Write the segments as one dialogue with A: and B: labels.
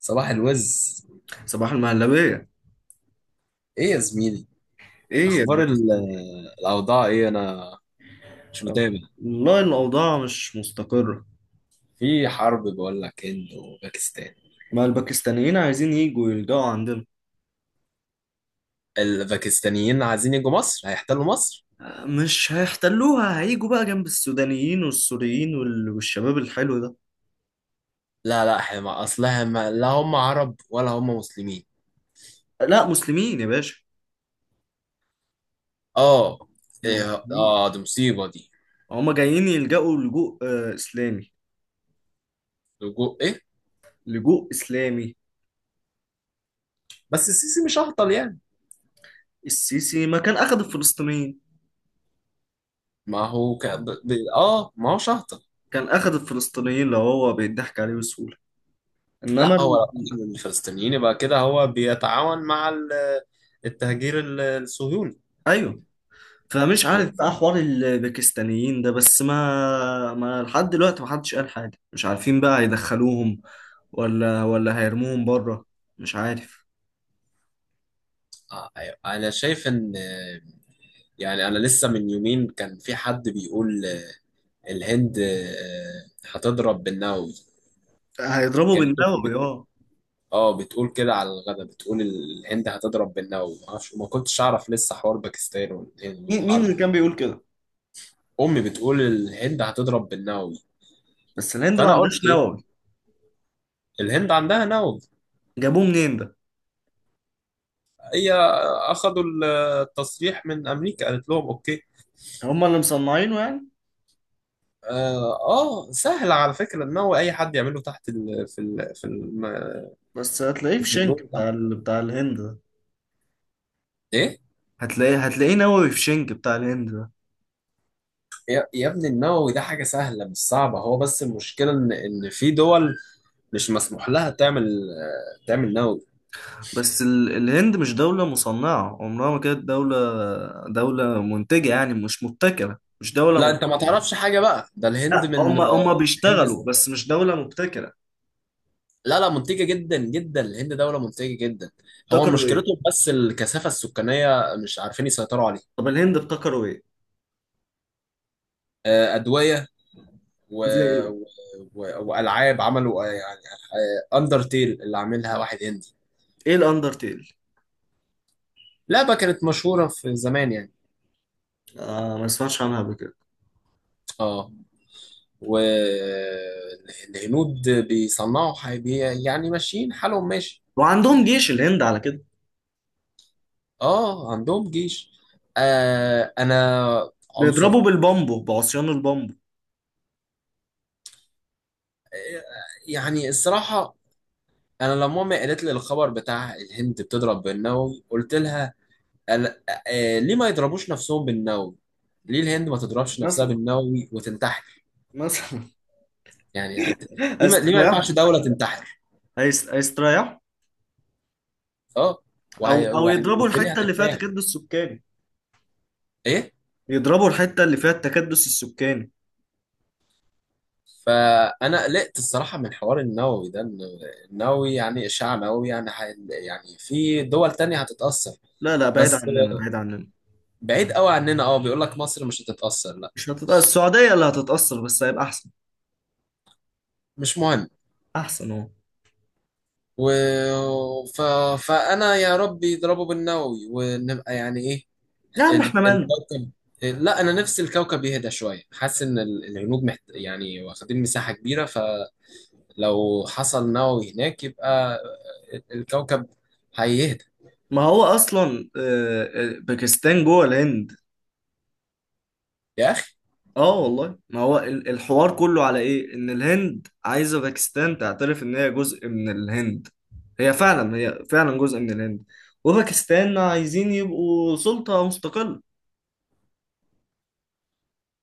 A: صباح الوز.
B: صباح المهلبية.
A: ايه يا زميلي؟
B: ايه يا
A: اخبار
B: برنس.
A: الاوضاع؟ ايه، انا مش
B: آه،
A: متابع.
B: والله الأوضاع مش مستقرة.
A: في حرب بقول لك، هند وباكستان.
B: ما الباكستانيين عايزين يجوا يلجأوا عندنا.
A: الباكستانيين عايزين يجوا مصر، هيحتلوا مصر.
B: آه، مش هيحتلوها، هيجوا بقى جنب السودانيين والسوريين والشباب الحلو ده.
A: لا، لا، احنا ما اصلها ما لا هم عرب ولا هم مسلمين.
B: آه، لا مسلمين يا باشا،
A: اه.
B: هم
A: إيه!
B: مسلمين.
A: اه، دي مصيبة دي.
B: هما جايين يلجأوا لجوء إسلامي.
A: لجوء ايه؟
B: لجوء إسلامي.
A: بس السيسي مش هبطل يعني.
B: السيسي ما كان أخد الفلسطينيين.
A: ما هو ك... ب... ب... اه ما هوش هبطل.
B: كان أخد الفلسطينيين لو هو بيضحك عليه بسهولة. إنما
A: لا هو لو أخذ من الفلسطينيين يبقى كده هو بيتعاون مع التهجير الصهيوني.
B: أيوه. فمش
A: يعني
B: عارف بقى حوار الباكستانيين ده بس ما لحد دلوقتي ما حدش قال حاجة، مش عارفين بقى هيدخلوهم ولا هيرموهم بره. مش عارف.
A: أيوة. انا شايف ان، يعني، انا لسه من يومين كان في حد بيقول، الهند هتضرب بالنووي.
B: هيضربوا
A: كانت تركيا
B: بالنووي
A: بت...
B: اه.
A: اه بتقول كده على الغدا، بتقول الهند هتضرب بالنووي. معرفش، ما كنتش اعرف لسه حوار باكستان والهند
B: مين
A: والحرب.
B: اللي كان بيقول كده؟
A: امي بتقول الهند هتضرب بالنووي،
B: بس الهند ما
A: فانا
B: عندهاش
A: قلت ايه،
B: نووي.
A: الهند عندها نووي.
B: جابوه منين ده؟
A: هي اخدوا التصريح من امريكا، قالت لهم اوكي.
B: هم اللي مصنعينه يعني؟
A: اه، سهل على فكره النووي، اي حد يعمله، تحت
B: بس هتلاقيه في شنك
A: البترول ده.
B: بتاع بتاع الهند ده.
A: ايه؟
B: هتلاقيه نووي في شنك بتاع الهند ده.
A: يا ابني، النووي ده حاجه سهله مش صعبه، هو بس المشكله ان في دول مش مسموح لها تعمل، تعمل نووي.
B: بس الهند مش دولة مصنعة، عمرها ما كانت دولة منتجة يعني، مش مبتكرة، مش دولة.
A: لا انت ما تعرفش حاجه بقى، ده الهند
B: لا،
A: من،
B: هم
A: الهند.
B: بيشتغلوا بس مش دولة مبتكرة.
A: لا، لا، منتجه جدا جدا، الهند دوله منتجه جدا. هو
B: ابتكروا ايه؟
A: مشكلته بس الكثافه السكانيه، مش عارفين يسيطروا عليها.
B: طب الهند ابتكروا ايه؟
A: ادويه، و...
B: زي ايه؟
A: و... والعاب. عملوا يعني، اندرتيل اللي عاملها واحد هندي.
B: ايه الاندرتيل؟
A: لعبه كانت مشهوره في زمان يعني.
B: آه، ما سمعتش عنها قبل كده.
A: اه، والهنود بيصنعوا حاجة، يعني ماشيين حالهم ماشي.
B: وعندهم جيش الهند على كده؟
A: اه، عندهم جيش. انا
B: بيضربوا
A: عنصري.
B: بالبامبو بعصيان البامبو.
A: آه يعني الصراحة، انا لما امي قالت لي الخبر بتاع الهند بتضرب بالنووي، قلت لها، أنا- ليه ما يضربوش نفسهم بالنووي، ليه الهند ما تضربش نفسها
B: مثلا
A: بالنووي وتنتحر،
B: مثلا.
A: يعني ليه ما
B: هيستريحوا.
A: ينفعش دولة تنتحر.
B: هيستريحوا.
A: اه،
B: او او
A: ويعني
B: يضربوا
A: والدنيا
B: الحتة اللي فيها
A: هترتاح.
B: تكدس سكاني.
A: ايه؟
B: يضربوا الحتة اللي فيها التكدس السكاني.
A: فانا قلقت الصراحه من حوار النووي ده، إن النووي يعني اشعاع نووي، يعني يعني في دول تانية هتتاثر.
B: لا لا، بعيد
A: بس
B: عننا، بعيد عننا.
A: بعيد قوي عننا، اه، بيقول لك مصر مش هتتاثر، لا.
B: مش هتتأثر، السعودية اللي هتتأثر بس هيبقى احسن.
A: مش مهم.
B: احسن اهو.
A: و... ف... فانا يا رب يضربوا بالنووي ونبقى يعني ايه،
B: يا عم احنا مالنا.
A: الكوكب. لا انا نفسي الكوكب يهدى شويه، حاسس ان الهنود يعني واخدين مساحه كبيره، فلو حصل نووي هناك يبقى الكوكب هيهدى.
B: ما هو اصلا باكستان جوه الهند.
A: يا
B: اه، والله ما هو الحوار كله على ايه، ان الهند عايزه باكستان تعترف ان هي جزء من الهند. هي فعلا، هي فعلا جزء من الهند. وباكستان عايزين يبقوا سلطه مستقله.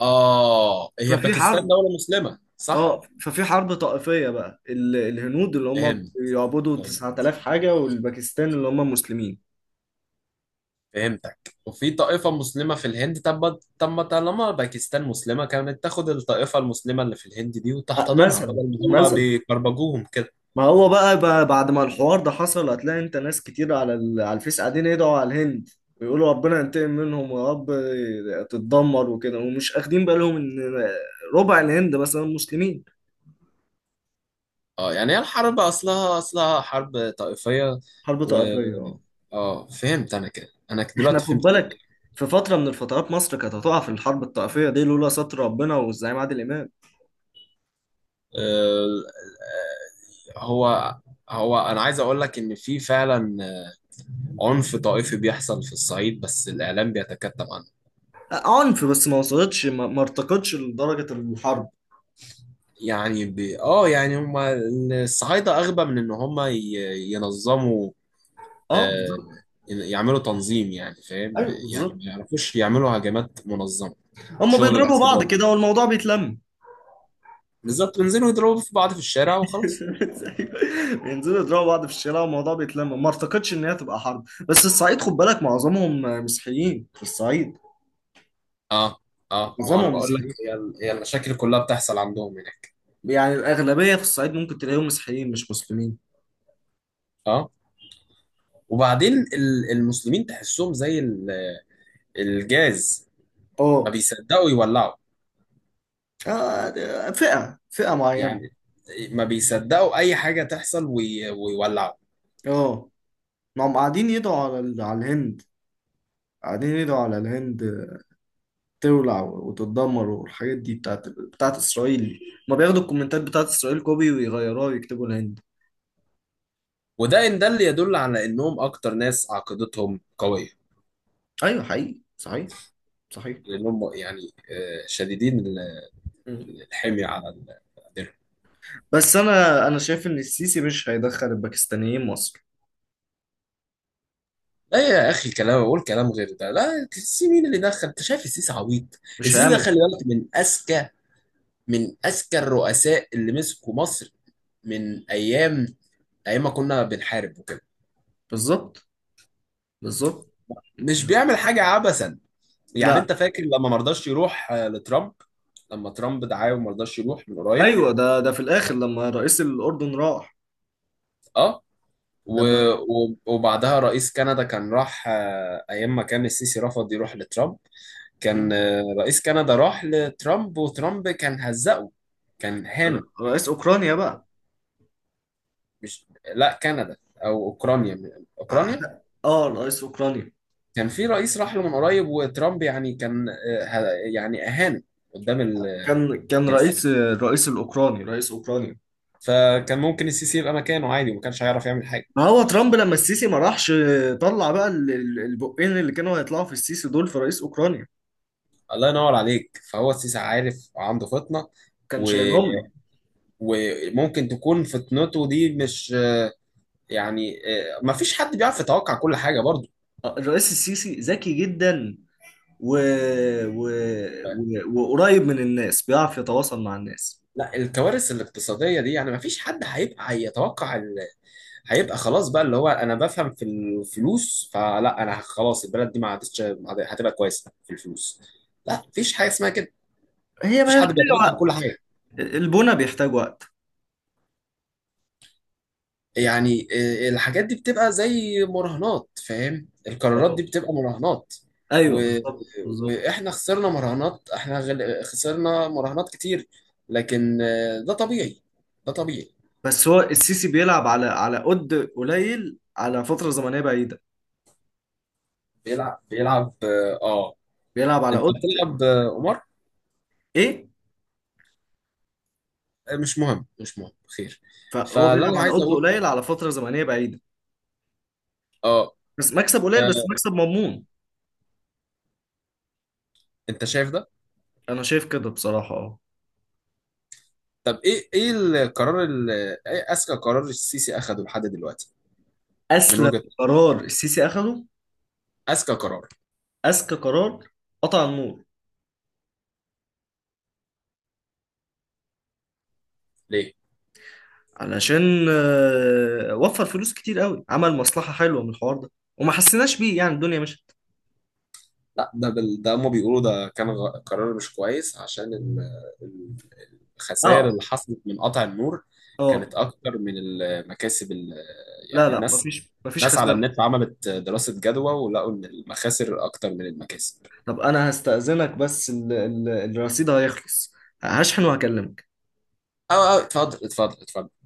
A: آه، هي
B: ففي
A: باكستان
B: حرب
A: دولة مسلمة صح؟
B: اه ففي حرب طائفيه بقى الهنود اللي هم
A: فهمت.
B: بيعبدوا
A: فهمت.
B: 9000 حاجه، والباكستان اللي هم مسلمين.
A: فهمتك. وفي طائفة مسلمة في الهند، طب، ما طالما باكستان مسلمة، كانت تاخد الطائفة المسلمة اللي في الهند دي
B: آه،
A: وتحتضنها،
B: مثلا
A: بدل ما هم
B: مثلا.
A: بيكربجوهم كده.
B: ما هو بقى بعد ما الحوار ده حصل، هتلاقي انت ناس كتير على على الفيس قاعدين يدعوا على الهند ويقولوا ربنا ينتقم منهم يا رب تتدمر وكده، ومش اخدين بالهم ان ربع الهند مثلا مسلمين.
A: اه، يعني هي الحرب أصلها حرب طائفية.
B: حرب
A: و
B: طائفية اه.
A: اه فهمت أنا كده، أنا
B: احنا
A: دلوقتي
B: خد
A: فهمت كده.
B: بالك، في فترة من الفترات مصر كانت هتقع في الحرب الطائفية دي لولا ستر ربنا والزعيم عادل إمام.
A: آه، آه، هو هو أنا عايز أقول لك إن في فعلا عنف طائفي بيحصل في الصعيد، بس الإعلام بيتكتم عنه.
B: آه، عنف بس ما وصلتش، ما ارتقتش لدرجة الحرب.
A: يعني ب... اه يعني هما الصعايدة أغبى من إن هما ينظموا،
B: اه،
A: آه
B: بالظبط.
A: يعملوا تنظيم، يعني فاهم،
B: ايوه
A: يعني
B: بالظبط.
A: ما يعرفوش يعملوا هجمات منظمة.
B: هم
A: شغل
B: بيضربوا بعض
A: العصابات ده،
B: كده والموضوع بيتلم.
A: بالظبط، بينزلوا يضربوا في بعض في الشارع وخلاص.
B: بينزلوا يضربوا بعض في الشارع والموضوع بيتلم، ما اعتقدش ان هي تبقى حرب. بس الصعيد خد بالك، معظمهم مسيحيين في الصعيد،
A: اه، اه، ما أنا
B: معظمهم
A: بقول لك
B: مسيحيين.
A: هي هي المشاكل كلها بتحصل عندهم هناك.
B: يعني الاغلبيه في الصعيد ممكن تلاقيهم مسيحيين مش مسلمين.
A: اه، وبعدين المسلمين تحسهم زي الجاز، ما
B: اه.
A: بيصدقوا يولعوا.
B: آه، ده فئه معينه.
A: يعني ما بيصدقوا أي حاجة تحصل ويولعوا.
B: اه. ما هم قاعدين يدعوا على على الهند. قاعدين يدعوا على الهند تولع وتتدمر، والحاجات دي بتاعت اسرائيل. ما بياخدوا الكومنتات بتاعت اسرائيل كوبي، ويغيروها ويكتبوا الهند.
A: وده ان ده اللي يدل على انهم اكتر ناس عقيدتهم قويه،
B: ايوه حقيقي صحيح. صحيح.
A: لانهم يعني شديدين الحميه على الدرهم.
B: بس انا شايف ان السيسي مش هيدخل الباكستانيين مصر،
A: لا يا اخي، كلام، اقول كلام غير ده. لا السيسي مين اللي دخل؟ انت شايف السيسي عبيط؟
B: مش
A: السيسي ده
B: هيعمل
A: خلي
B: كده.
A: بالك، من اذكى، من اذكى الرؤساء اللي مسكوا مصر، من ايام، ايام ما كنا بنحارب وكده.
B: بالظبط بالظبط.
A: مش بيعمل حاجه عبثا، يعني
B: لا.
A: انت فاكر لما مرضاش يروح لترامب؟ لما ترامب دعاه وما رضاش يروح من قريب.
B: ايوه، ده في الاخر، لما رئيس الاردن راح.
A: اه، و-
B: لما
A: وبعدها رئيس كندا كان راح، ايام ما كان السيسي رفض يروح لترامب،
B: م؟
A: كان رئيس كندا راح لترامب، وترامب كان هزقه، كان هانه.
B: رئيس اوكرانيا بقى؟
A: مش لا كندا او اوكرانيا، اوكرانيا،
B: اه، رئيس اوكرانيا.
A: كان في رئيس راح له من قريب وترامب يعني كان يعني اهانه قدام
B: كان
A: الناس.
B: رئيس الرئيس الاوكراني رئيس اوكرانيا.
A: فكان ممكن السيسي يبقى مكانه عادي وما كانش هيعرف يعمل حاجه.
B: ما هو ترامب لما السيسي ما راحش، طلع بقى البقين اللي كانوا هيطلعوا في السيسي دول في رئيس اوكرانيا،
A: الله ينور عليك، فهو السيسي عارف وعنده فطنه،
B: كان
A: و...
B: شايلهم له.
A: وممكن تكون فطنته دي مش يعني، ما فيش حد بيعرف يتوقع كل حاجة برضو.
B: آه، الرئيس السيسي ذكي جدا و... و...
A: ف-
B: وقريب من الناس، بيعرف يتواصل مع الناس.
A: لا الكوارث الاقتصادية دي يعني ما فيش حد هيبقى هيتوقع هيبقى خلاص بقى اللي هو، انا بفهم في الفلوس، فلا، انا خلاص، البلد دي ما عادتش، ما عاد- هتبقى كويسة في الفلوس. لا مفيش حاجة اسمها كده.
B: هي
A: مفيش
B: ما
A: حد
B: محتاجة
A: بيتوقع
B: وقت،
A: كل حاجة.
B: البنى بيحتاج وقت.
A: يعني الحاجات دي بتبقى زي مراهنات، فاهم، القرارات
B: اه،
A: دي بتبقى مراهنات.
B: ايوه
A: و...
B: بالظبط بالظبط.
A: واحنا خسرنا مراهنات احنا غل... خسرنا مراهنات كتير، لكن ده طبيعي، ده طبيعي.
B: بس هو السيسي بيلعب على قد قليل على فترة زمنية بعيدة.
A: بيلعب.
B: بيلعب على
A: انت
B: قد.
A: بتلعب قمار.
B: ايه؟
A: مش مهم، مش مهم. خير.
B: فهو
A: فاللي
B: بيلعب
A: انا
B: على
A: عايز
B: قد
A: اقول،
B: قليل على فترة زمنية بعيدة،
A: اه.
B: بس مكسب
A: آه،
B: قليل بس مكسب مضمون.
A: انت شايف ده؟
B: انا شايف كده بصراحة اه.
A: طب، ايه، القرار ايه اذكى قرار السيسي اخده لحد دلوقتي، من
B: اسلم
A: وجهة نظرك؟
B: قرار السيسي اخده،
A: اذكى قرار؟
B: اذكى قرار، قطع النور.
A: ليه؟
B: علشان وفر فلوس كتير قوي، عمل مصلحة حلوة من الحوار ده وما حسيناش بيه، يعني الدنيا مشت.
A: لا ده ده هم بيقولوا ده كان قرار مش كويس، عشان ال- الخسائر
B: اه
A: اللي حصلت من قطع النور
B: اه.
A: كانت اكتر من المكاسب
B: لا
A: يعني
B: لا،
A: الناس،
B: مفيش
A: ناس على
B: خسارة.
A: النت عملت دراسة جدوى، ولقوا ان المخاسر اكتر من المكاسب.
B: طب انا هستأذنك بس الرصيد هيخلص، هشحن وهكلمك.
A: اه، اه، اتفضل، اتفضل، اتفضل.